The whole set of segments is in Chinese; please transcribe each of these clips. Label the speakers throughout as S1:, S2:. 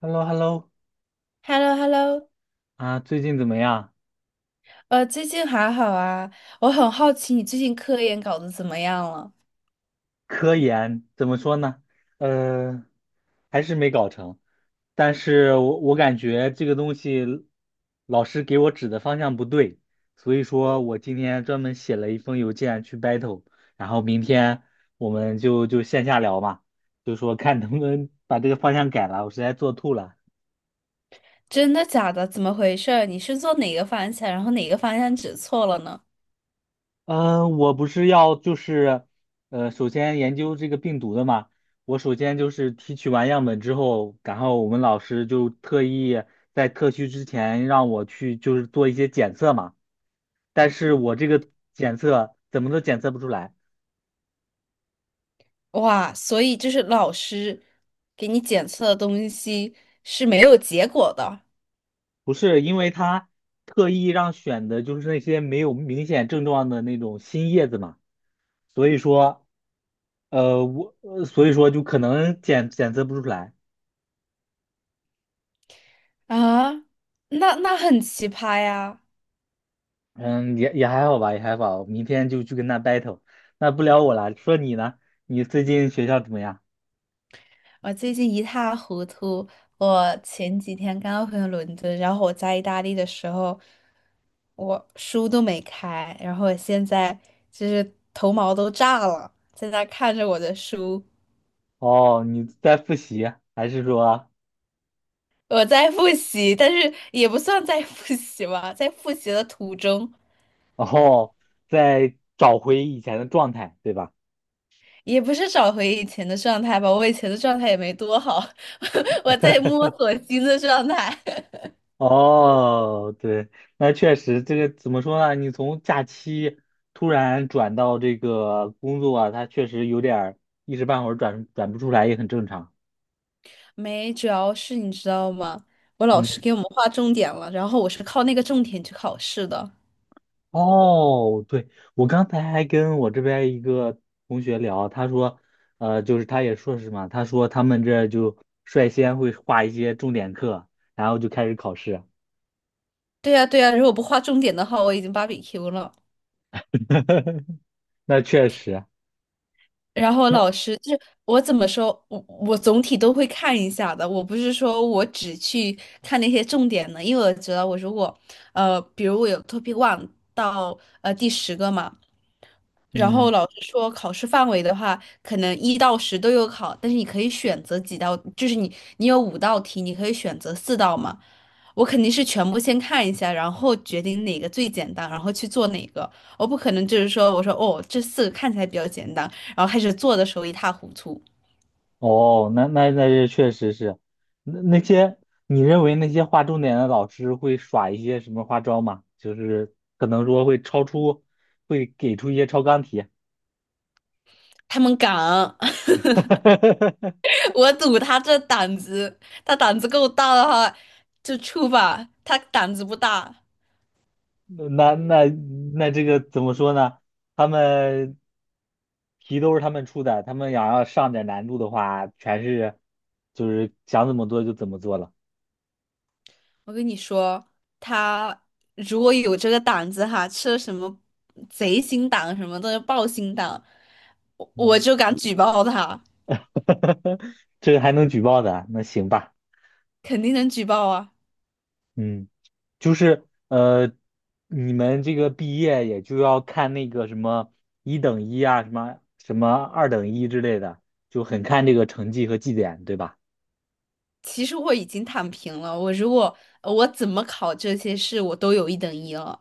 S1: h e l l o h e l l o
S2: h e l l o h e l l o
S1: 啊，最近怎么样？
S2: 最近还好啊？我很好奇你最近科研搞得怎么样了？
S1: 科研怎么说呢？呃，还是没搞成，但是我感觉这个东西老师给我指的方向不对，所以说我今天专门写了一封邮件去 battle，然后明天我们就线下聊嘛，就说看能不能把这个方向改了，我实在做吐了。
S2: 真的假的？怎么回事儿？你是做哪个方向，然后哪个方向指错了呢？
S1: 嗯，我不是要就是，首先研究这个病毒的嘛。我首先就是提取完样本之后，然后我们老师就特意在特需之前让我去就是做一些检测嘛。但是我这个检测怎么都检测不出来，
S2: 哇，所以就是老师给你检测的东西是没有结果的
S1: 不是因为他特意让选的就是那些没有明显症状的那种新叶子嘛，所以说，我，所以说就可能检测不出来。
S2: 啊？那很奇葩呀！
S1: 嗯，也还好吧，也还好。明天就去跟他 battle，那不聊我了。说你呢？你最近学校怎么样？
S2: 我最近一塌糊涂。我前几天刚回伦敦，然后我在意大利的时候，我书都没开，然后我现在就是头毛都炸了，在那看着我的书，
S1: 哦，你在复习，还是说，
S2: 我在复习，但是也不算在复习吧，在复习的途中，
S1: 哦，在找回以前的状态，对吧？
S2: 也不是找回以前的状态吧，我以前的状态也没多好，我在摸索新的状态。
S1: 哦，对，那确实，这个怎么说呢？你从假期突然转到这个工作啊，它确实有点儿一时半会儿转不出来，也很正常。
S2: 没，主要是你知道吗？我老师
S1: 嗯。
S2: 给我们划重点了，然后我是靠那个重点去考试的。
S1: 哦，对，我刚才还跟我这边一个同学聊，他说，就是他也硕士嘛，他说他们这就率先会画一些重点课，然后就开始考试。
S2: 对呀，对呀，如果不划重点的话，我已经芭比 Q 了。
S1: 那确实，
S2: 然后
S1: 那
S2: 老师就是我怎么说，我总体都会看一下的。我不是说我只去看那些重点的，因为我觉得我如果比如我有 topic one 到第10个嘛，然后
S1: 嗯，
S2: 老师说考试范围的话，可能一到十都有考，但是你可以选择几道，就是你有五道题，你可以选择四道嘛。我肯定是全部先看一下，然后决定哪个最简单，然后去做哪个。我不可能就是说，我说哦，这四个看起来比较简单。然后开始做的时候一塌糊涂。
S1: 哦，那这确实是，那那些你认为那些画重点的老师会耍一些什么花招吗？就是可能说会超出，会给出一些超纲题。
S2: 他们敢，我赌他这胆子，他胆子够大的话就出吧。他胆子不大，
S1: 那那那这个怎么说呢？他们题都是他们出的，他们想要上点难度的话，全是就是想怎么做就怎么做了。
S2: 我跟你说，他如果有这个胆子哈，吃了什么贼心党什么的豹心党，我
S1: 嗯，
S2: 就敢举报他，
S1: 这个还能举报的，那行吧。
S2: 肯定能举报啊。
S1: 嗯，就是呃，你们这个毕业也就要看那个什么一等一啊，什么什么二等一之类的，就很看这个成绩和绩点，对吧？
S2: 其实我已经躺平了，我如果我怎么考这些试，我都有一等一了。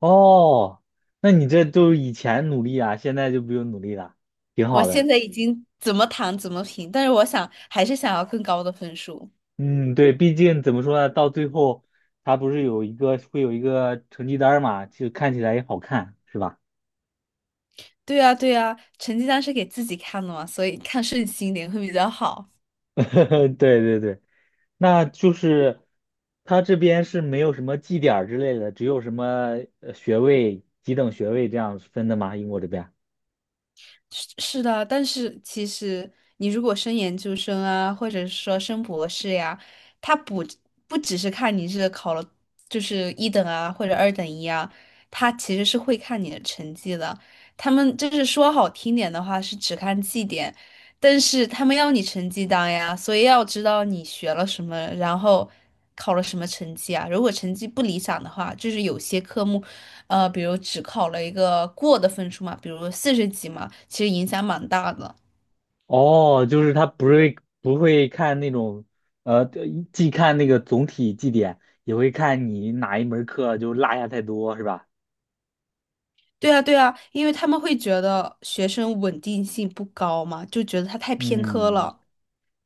S1: 哦，那你这都以前努力啊，现在就不用努力了，挺
S2: 我
S1: 好
S2: 现
S1: 的。
S2: 在已经怎么躺怎么平，但是我想还是想要更高的分数。
S1: 嗯，对，毕竟怎么说呢，到最后他不是有一个会有一个成绩单儿嘛，就看起来也好看，是吧？
S2: 对呀，对呀，成绩单是给自己看的嘛，所以看顺心一点会比较好。
S1: 对对对，那就是他这边是没有什么绩点儿之类的，只有什么学位、几等学位这样分的吗？英国这边？
S2: 是是的，但是其实你如果升研究生啊，或者是说升博士呀，他不只是看你是考了就是一等啊或者二等一啊，他其实是会看你的成绩的。他们就是说好听点的话是只看绩点，但是他们要你成绩单呀，所以要知道你学了什么，然后考了什么成绩啊。如果成绩不理想的话，就是有些科目，比如只考了一个过的分数嘛，比如四十几嘛，其实影响蛮大的。
S1: 哦，就是他不会看那种，呃，既看那个总体绩点，也会看你哪一门课就落下太多，是吧？
S2: 对啊，对啊，因为他们会觉得学生稳定性不高嘛，就觉得他太偏科
S1: 嗯，
S2: 了。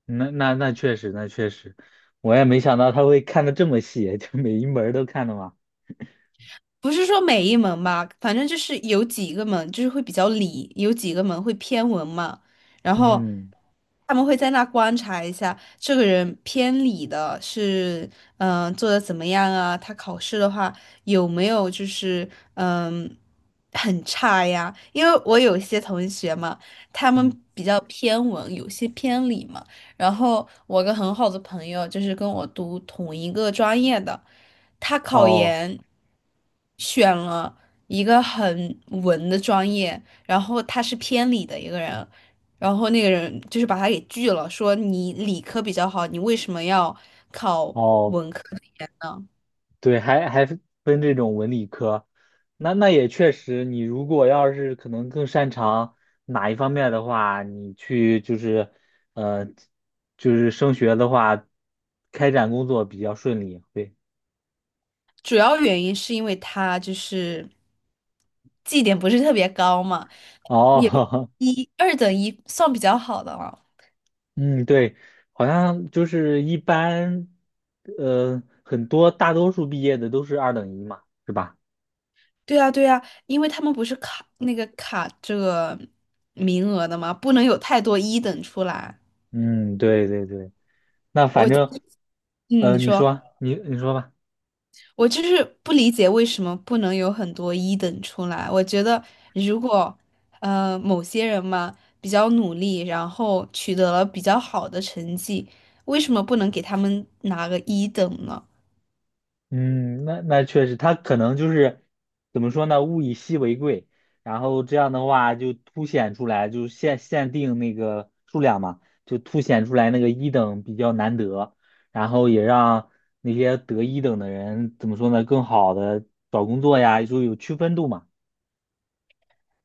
S1: 那确实，那确实，我也没想到他会看的这么细，就每一门儿都看的嘛。
S2: 不是说每一门吧，反正就是有几个门就是会比较理，有几个门会偏文嘛，然后
S1: 嗯
S2: 他们会在那观察一下这个人偏理的是，嗯、做的怎么样啊？他考试的话有没有就是嗯、很差呀？因为我有一些同学嘛，他们
S1: 嗯，
S2: 比较偏文，有些偏理嘛。然后我个很好的朋友就是跟我读同一个专业的，他考
S1: 哦
S2: 研。选了一个很文的专业，然后他是偏理的一个人，然后那个人就是把他给拒了，说你理科比较好，你为什么要考？
S1: 哦，对，还分这种文理科，那也确实，你如果要是可能更擅长哪一方面的话，你去就是，呃，就是升学的话，开展工作比较顺利。对，
S2: 主要原因是因为他就是绩点不是特别高嘛，也不
S1: 哦，
S2: 一二等一算比较好的了。
S1: 嗯，对，好像就是一般，大多数毕业的都是二等一嘛，是吧？
S2: 对啊，对啊，因为他们不是卡那个卡这个名额的嘛，不能有太多一等出来。
S1: 嗯，对对对，那反
S2: 我，
S1: 正，
S2: 嗯，你
S1: 你
S2: 说。
S1: 说，你说吧。
S2: 我就是不理解为什么不能有很多一等出来。我觉得如果某些人嘛比较努力，然后取得了比较好的成绩，为什么不能给他们拿个一等呢？
S1: 嗯，那确实，他可能就是怎么说呢？物以稀为贵，然后这样的话就凸显出来，就限定那个数量嘛，就凸显出来那个一等比较难得，然后也让那些得一等的人怎么说呢？更好的找工作呀，就有区分度嘛。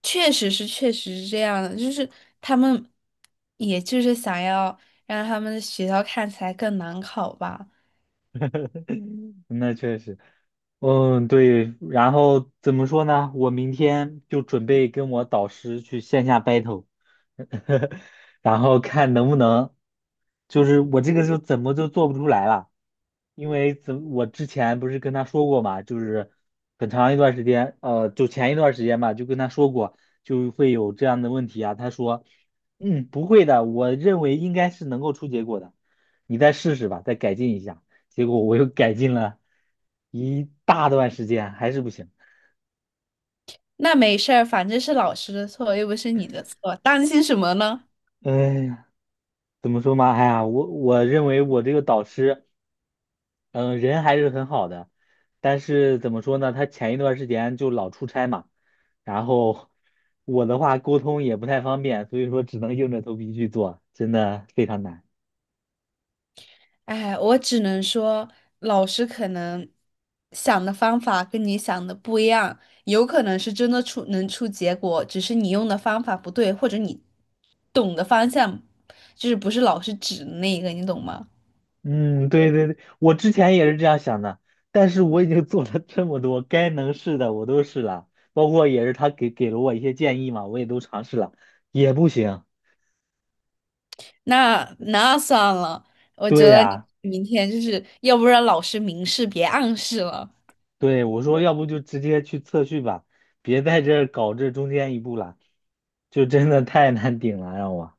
S2: 确实是，确实是这样的，就是他们也就是想要让他们的学校看起来更难考吧。
S1: 那确实。嗯，对，然后怎么说呢？我明天就准备跟我导师去线下 battle，然后看能不能，就是我这个就怎么就做不出来了，因为我之前不是跟他说过嘛，就是很长一段时间，就前一段时间吧，就跟他说过，就会有这样的问题啊。他说，嗯，不会的，我认为应该是能够出结果的，你再试试吧，再改进一下。结果我又改进了一大段时间，还是不行。
S2: 那没事儿，反正是老师的错，又不是你的错，担心什么呢？
S1: 哎呀，怎么说嘛？哎呀，我认为我这个导师，嗯、人还是很好的，但是怎么说呢？他前一段时间就老出差嘛，然后我的话沟通也不太方便，所以说只能硬着头皮去做，真的非常难。
S2: 哎，我只能说，老师可能想的方法跟你想的不一样，有可能是真的出能出结果，只是你用的方法不对，或者你懂的方向就是不是老师指的那个，你懂吗？
S1: 嗯，对对对，我之前也是这样想的，但是我已经做了这么多，该能试的我都试了，包括也是他给了我一些建议嘛，我也都尝试了，也不行。
S2: 那算了，我觉
S1: 对
S2: 得你
S1: 呀，
S2: 明天就是要不然老师明示别暗示了。
S1: 对，我说要不就直接去测序吧，别在这儿搞这中间一步了，就真的太难顶了，让我。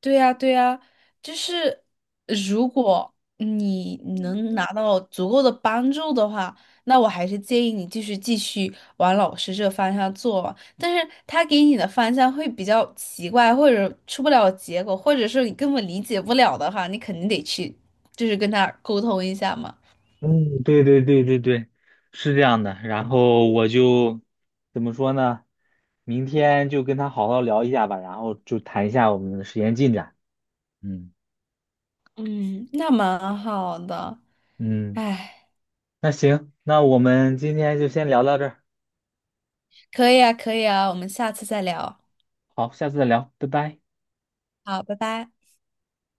S2: 对呀，对呀，就是如果你能拿到足够的帮助的话，那我还是建议你继续往老师这方向做嘛。但是他给你的方向会比较奇怪，或者出不了结果，或者是你根本理解不了的话，你肯定得去，就是跟他沟通一下嘛。
S1: 嗯，对对对对对，是这样的。然后我就怎么说呢？明天就跟他好好聊一下吧，然后就谈一下我们的实验进展。嗯
S2: 嗯，那蛮好的，
S1: 嗯。
S2: 哎，
S1: 那行，那我们今天就先聊到这儿，
S2: 可以啊，可以啊，我们下次再聊。
S1: 好，下次再聊，拜拜。
S2: 好，拜拜。